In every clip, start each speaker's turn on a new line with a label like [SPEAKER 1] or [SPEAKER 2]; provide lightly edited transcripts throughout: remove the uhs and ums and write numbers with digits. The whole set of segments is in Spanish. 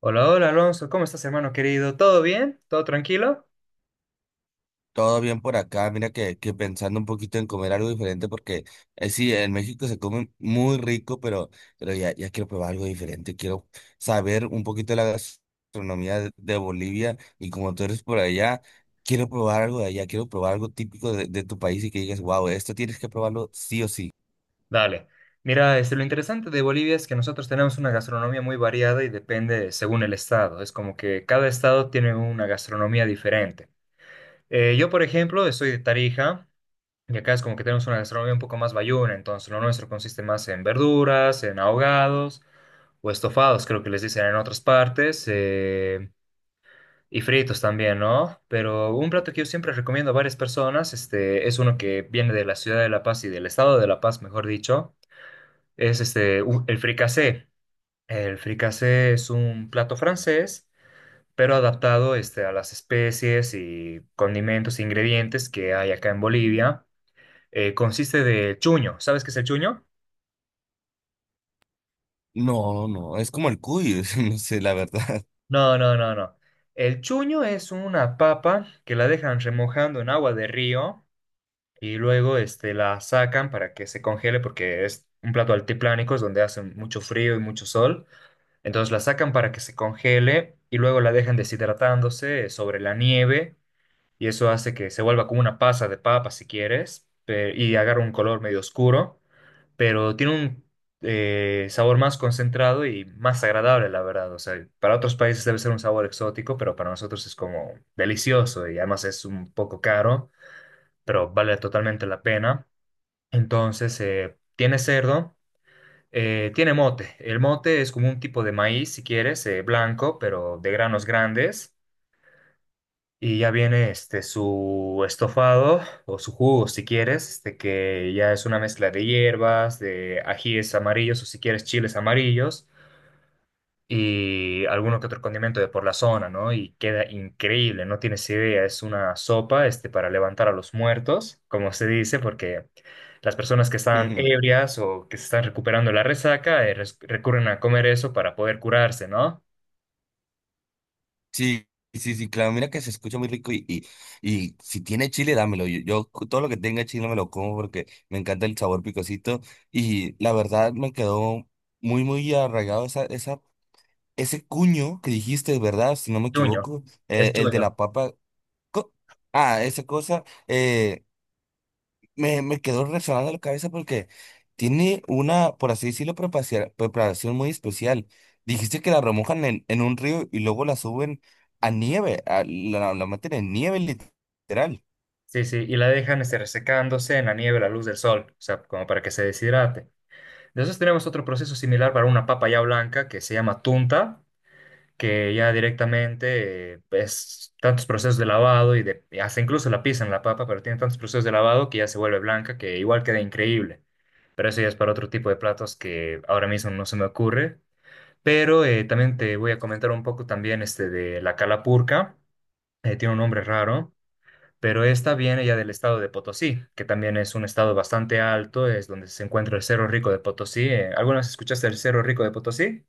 [SPEAKER 1] Hola, hola Alonso, ¿cómo estás hermano querido? ¿Todo bien? ¿Todo tranquilo?
[SPEAKER 2] Todo bien por acá, mira que pensando un poquito en comer algo diferente porque sí, en México se come muy rico, pero ya quiero probar algo diferente, quiero saber un poquito de la gastronomía de Bolivia, y como tú eres por allá, quiero probar algo de allá, quiero probar algo típico de tu país y que digas, wow, esto tienes que probarlo sí o sí.
[SPEAKER 1] Dale. Mira, este, lo interesante de Bolivia es que nosotros tenemos una gastronomía muy variada y depende según el estado. Es como que cada estado tiene una gastronomía diferente. Yo, por ejemplo, soy de Tarija y acá es como que tenemos una gastronomía un poco más bayuna, entonces lo nuestro consiste más en verduras, en ahogados o estofados, creo que les dicen en otras partes. Y fritos también, ¿no? Pero un plato que yo siempre recomiendo a varias personas, este, es uno que viene de la ciudad de La Paz y del estado de La Paz, mejor dicho, es este, el fricasé. El fricasé es un plato francés, pero adaptado, este, a las especies y condimentos e ingredientes que hay acá en Bolivia. Consiste de chuño. ¿Sabes qué es el chuño?
[SPEAKER 2] No, no, es como el cuy, no sé, la verdad.
[SPEAKER 1] No, no, no, no. El chuño es una papa que la dejan remojando en agua de río y luego este, la sacan para que se congele porque es un plato altiplánico, es donde hace mucho frío y mucho sol. Entonces la sacan para que se congele y luego la dejan deshidratándose sobre la nieve y eso hace que se vuelva como una pasa de papa si quieres y agarra un color medio oscuro, pero tiene un sabor más concentrado y más agradable, la verdad. O sea, para otros países debe ser un sabor exótico, pero para nosotros es como delicioso y además es un poco caro, pero vale totalmente la pena. Entonces, tiene cerdo, tiene mote. El mote es como un tipo de maíz, si quieres, blanco, pero de granos grandes. Y ya viene este, su estofado o su jugo, si quieres, este, que ya es una mezcla de hierbas, de ajíes amarillos o si quieres chiles amarillos y alguno que otro condimento de por la zona, ¿no? Y queda increíble, no tienes idea, es una sopa, este, para levantar a los muertos, como se dice, porque las personas que están
[SPEAKER 2] Ujú.
[SPEAKER 1] ebrias o que se están recuperando la resaca, recurren a comer eso para poder curarse, ¿no?
[SPEAKER 2] Sí, sí, sí, claro, mira que se escucha muy rico y si tiene chile, dámelo. Yo, todo lo que tenga chile me lo como porque me encanta el sabor picosito, y la verdad me quedó muy, muy arraigado ese cuño que dijiste, ¿verdad? Si no me
[SPEAKER 1] Chuño,
[SPEAKER 2] equivoco,
[SPEAKER 1] es
[SPEAKER 2] el de la
[SPEAKER 1] chuño.
[SPEAKER 2] papa. co- Ah, esa cosa. Me quedó resonando la cabeza porque tiene una, por así decirlo, preparación muy especial. Dijiste que la remojan en un río y luego la suben a nieve, la meten en nieve literal.
[SPEAKER 1] Sí, sí, y la dejan este, resecándose en la nieve, a la luz del sol, o sea, como para que se deshidrate. Después tenemos otro proceso similar para una papa ya blanca que se llama tunta, que ya directamente es tantos procesos de lavado y, de, y hasta incluso la pisan la papa, pero tiene tantos procesos de lavado que ya se vuelve blanca, que igual queda increíble. Pero eso ya es para otro tipo de platos que ahora mismo no se me ocurre. Pero también te voy a comentar un poco también este de la calapurca. Tiene un nombre raro, pero esta viene ya del estado de Potosí, que también es un estado bastante alto, es donde se encuentra el Cerro Rico de Potosí. ¿Alguna vez escuchaste el Cerro Rico de Potosí?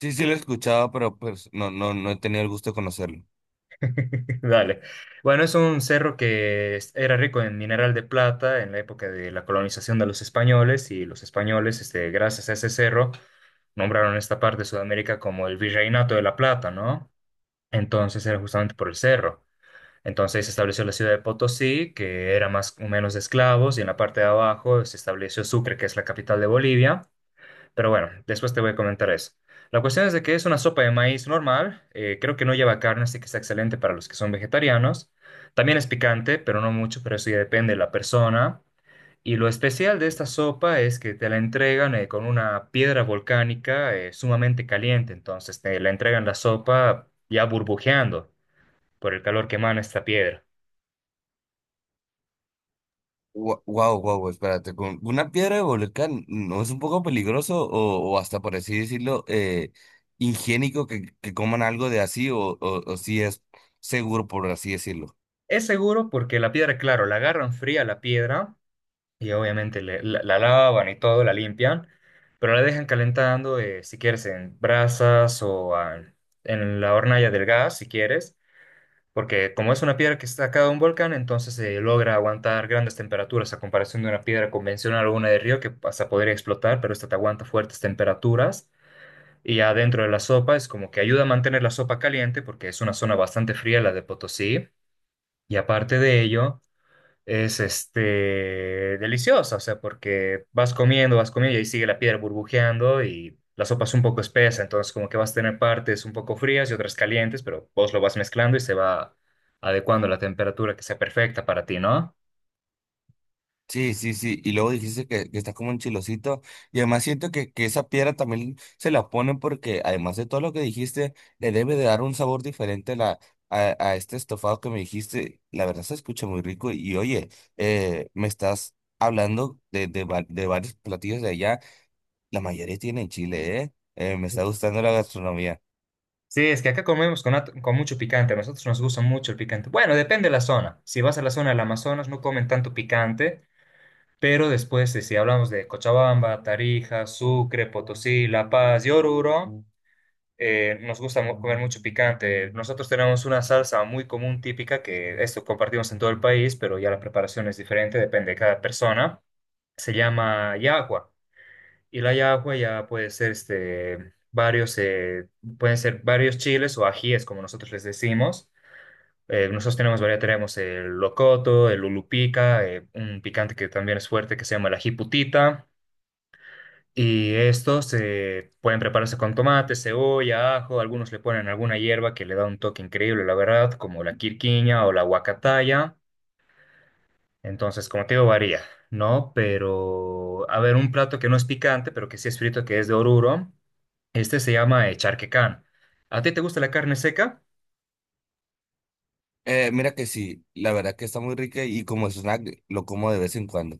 [SPEAKER 2] Sí, sí lo he escuchado, pero pues no, no he tenido el gusto de conocerlo.
[SPEAKER 1] Dale. Bueno, es un cerro que era rico en mineral de plata en la época de la colonización de los españoles y los españoles, este, gracias a ese cerro, nombraron esta parte de Sudamérica como el Virreinato de la Plata, ¿no? Entonces era justamente por el cerro. Entonces se estableció la ciudad de Potosí, que era más o menos de esclavos, y en la parte de abajo se estableció Sucre, que es la capital de Bolivia. Pero bueno, después te voy a comentar eso. La cuestión es de que es una sopa de maíz normal, creo que no lleva carne, así que está excelente para los que son vegetarianos. También es picante, pero no mucho, pero eso ya depende de la persona. Y lo especial de esta sopa es que te la entregan con una piedra volcánica sumamente caliente, entonces te la entregan la sopa ya burbujeando por el calor que emana esta piedra.
[SPEAKER 2] Wow, wow, espérate, con una piedra de volcán, ¿no es un poco peligroso o hasta por así decirlo, higiénico que coman algo de así? O, o si es seguro, por así decirlo.
[SPEAKER 1] Es seguro porque la piedra, claro, la agarran fría la piedra. Y obviamente la lavan y todo, la limpian, pero la dejan calentando, si quieres, en brasas o ah, en la hornalla del gas, si quieres, porque como es una piedra que está sacada de un volcán, entonces se logra aguantar grandes temperaturas a comparación de una piedra convencional o una de río que hasta podría explotar, pero esta te aguanta fuertes temperaturas. Y adentro de la sopa es como que ayuda a mantener la sopa caliente porque es una zona bastante fría la de Potosí. Y aparte de ello es este deliciosa, o sea, porque vas comiendo y ahí sigue la piedra burbujeando y la sopa es un poco espesa, entonces como que vas a tener partes un poco frías y otras calientes, pero vos lo vas mezclando y se va adecuando a la temperatura que sea perfecta para ti, ¿no?
[SPEAKER 2] Sí, sí, sí. Y luego dijiste que está como un chilosito. Y además siento que esa piedra también se la ponen porque, además de todo lo que dijiste, le debe de dar un sabor diferente a este estofado que me dijiste. La verdad se escucha muy rico. Y oye, me estás hablando de varios platillos de allá. La mayoría tienen chile, ¿eh? Me está gustando la gastronomía.
[SPEAKER 1] Sí, es que acá comemos con mucho picante, a nosotros nos gusta mucho el picante. Bueno, depende de la zona. Si vas a la zona del Amazonas no comen tanto picante, pero después, si hablamos de Cochabamba, Tarija, Sucre, Potosí, La Paz y Oruro, nos gusta mu- comer mucho picante. Nosotros tenemos una salsa muy común, típica, que esto compartimos en todo el país, pero ya la preparación es diferente, depende de cada persona. Se llama yagua. Y la yagua ya puede ser este, varios, pueden ser varios chiles o ajíes, como nosotros les decimos. Nosotros tenemos variedad, tenemos el locoto, el ulupica, un picante que también es fuerte que se llama el ají putita. Y estos se pueden prepararse con tomate, cebolla, ajo, algunos le ponen alguna hierba que le da un toque increíble, la verdad, como la quirquiña o la huacataya. Entonces, como te digo, varía, ¿no? Pero, a ver, un plato que no es picante, pero que sí es frito, que es de Oruro, este se llama charquecán. ¿A ti te gusta la carne seca?
[SPEAKER 2] Mira que sí, la verdad que está muy rica, y como snack lo como de vez en cuando.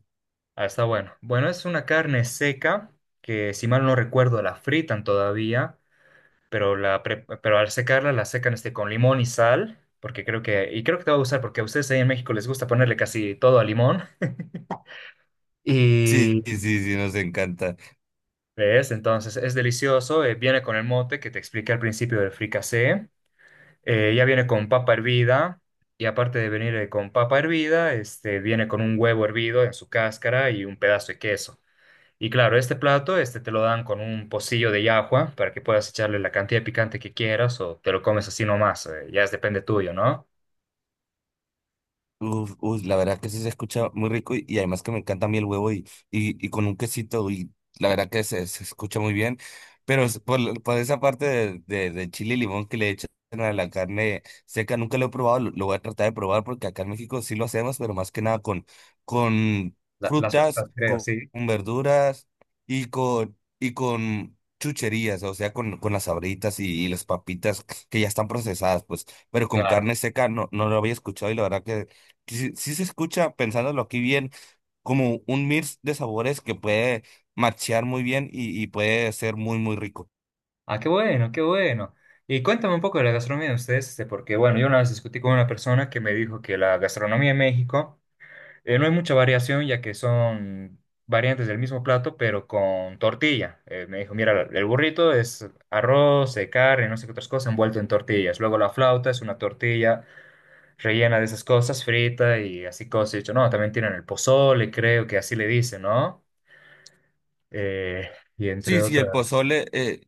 [SPEAKER 1] Ah, está bueno. Bueno, es una carne seca que, si mal no recuerdo, la fritan todavía. Pero pero al secarla la secan este, con limón y sal, porque creo que, y creo que te va a gustar, porque a ustedes ahí en México les gusta ponerle casi todo a limón.
[SPEAKER 2] Sí,
[SPEAKER 1] Y
[SPEAKER 2] sí, sí, nos encanta.
[SPEAKER 1] ves, entonces es delicioso, viene con el mote que te expliqué al principio del fricasé, ya viene con papa hervida, y aparte de venir con papa hervida, este, viene con un huevo hervido en su cáscara y un pedazo de queso. Y claro, este plato este te lo dan con un pocillo de llajua para que puedas echarle la cantidad de picante que quieras o te lo comes así nomás, ya es depende tuyo, ¿no?
[SPEAKER 2] Uf, uf, la verdad que sí se escucha muy rico, y además que me encanta a mí el huevo y con un quesito, y la verdad que se escucha muy bien, pero es por, por esa parte de chile y limón que le echan a la carne seca. Nunca lo he probado, lo voy a tratar de probar porque acá en México sí lo hacemos, pero más que nada con, con
[SPEAKER 1] La
[SPEAKER 2] frutas,
[SPEAKER 1] sueltas, creo, sí,
[SPEAKER 2] con verduras, y con chucherías, o sea, con las sabritas y las papitas, que ya están procesadas, pues, pero con
[SPEAKER 1] claro.
[SPEAKER 2] carne seca no, no lo había escuchado, y la verdad que sí, sí se escucha, pensándolo aquí bien, como un mix de sabores que puede machear muy bien y puede ser muy, muy rico.
[SPEAKER 1] Ah, qué bueno, qué bueno. Y cuéntame un poco de la gastronomía de ustedes, este, porque bueno, yo una vez discutí con una persona que me dijo que la gastronomía en México no hay mucha variación, ya que son variantes del mismo plato, pero con tortilla. Me dijo, mira, el burrito es arroz, carne, no sé qué otras cosas, envuelto en tortillas. Luego la flauta es una tortilla rellena de esas cosas, frita y así cosas. Y yo, no, también tienen el pozole, creo que así le dicen, ¿no? Eh, y
[SPEAKER 2] Sí,
[SPEAKER 1] entre
[SPEAKER 2] sí, el
[SPEAKER 1] otras.
[SPEAKER 2] pozole,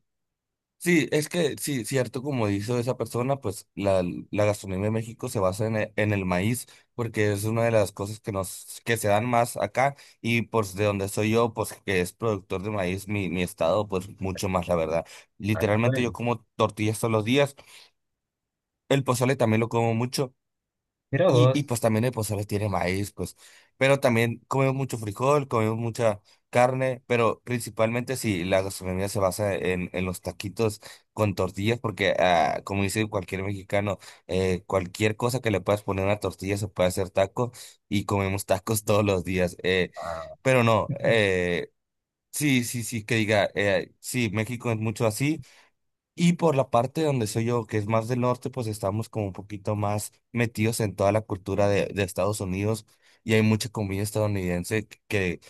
[SPEAKER 2] sí, es que sí, cierto, como dijo esa persona, pues la gastronomía de México se basa en en el maíz, porque es una de las cosas que nos, que se dan más acá, y pues de donde soy yo, pues que es productor de maíz, mi estado, pues mucho más, la verdad.
[SPEAKER 1] Ah, qué
[SPEAKER 2] Literalmente yo
[SPEAKER 1] bueno.
[SPEAKER 2] como tortillas todos los días, el pozole también lo como mucho.
[SPEAKER 1] Mira
[SPEAKER 2] Y
[SPEAKER 1] vos,
[SPEAKER 2] pues también el pozole tiene maíz, pues. Pero también comemos mucho frijol, comemos mucha carne, pero principalmente, si la gastronomía se basa en los taquitos con tortillas, porque ah, como dice cualquier mexicano, cualquier cosa que le puedas poner a una tortilla se puede hacer taco, y comemos tacos todos los días.
[SPEAKER 1] ah,
[SPEAKER 2] Pero no, sí, sí, sí, que diga, sí, México es mucho así. Y por la parte donde soy yo, que es más del norte, pues estamos como un poquito más metidos en toda la cultura de Estados Unidos, y hay mucha comida estadounidense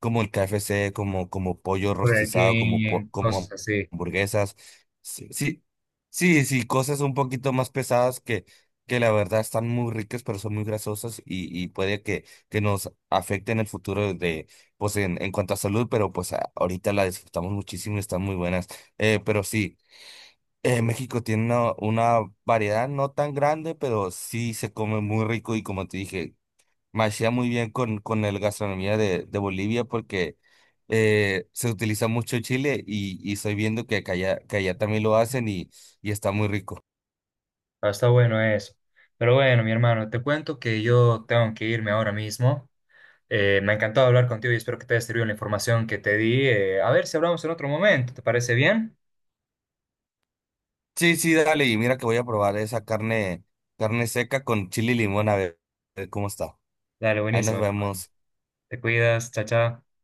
[SPEAKER 2] como el KFC, como, como pollo
[SPEAKER 1] por
[SPEAKER 2] rostizado,
[SPEAKER 1] aquí en cosas
[SPEAKER 2] como
[SPEAKER 1] así.
[SPEAKER 2] hamburguesas, sí, sí, sí, sí, cosas un poquito más pesadas que la verdad están muy ricas, pero son muy grasosas y puede que nos afecten el futuro de, pues en cuanto a salud, pero pues ahorita la disfrutamos muchísimo y están muy buenas. Pero sí. México tiene una variedad no tan grande, pero sí se come muy rico, y como te dije, machea muy bien con la gastronomía de Bolivia, porque se utiliza mucho chile, y estoy viendo que allá también lo hacen, y está muy rico.
[SPEAKER 1] Ah, está bueno eso. Pero bueno, mi hermano, te cuento que yo tengo que irme ahora mismo. Me ha encantado hablar contigo y espero que te haya servido la información que te di. A ver si hablamos en otro momento. ¿Te parece bien?
[SPEAKER 2] Sí, sí, dale, y mira que voy a probar esa carne, carne seca con chile y limón, a ver cómo está.
[SPEAKER 1] Dale,
[SPEAKER 2] Ahí nos
[SPEAKER 1] buenísimo.
[SPEAKER 2] vemos.
[SPEAKER 1] Te cuidas, chao, chao.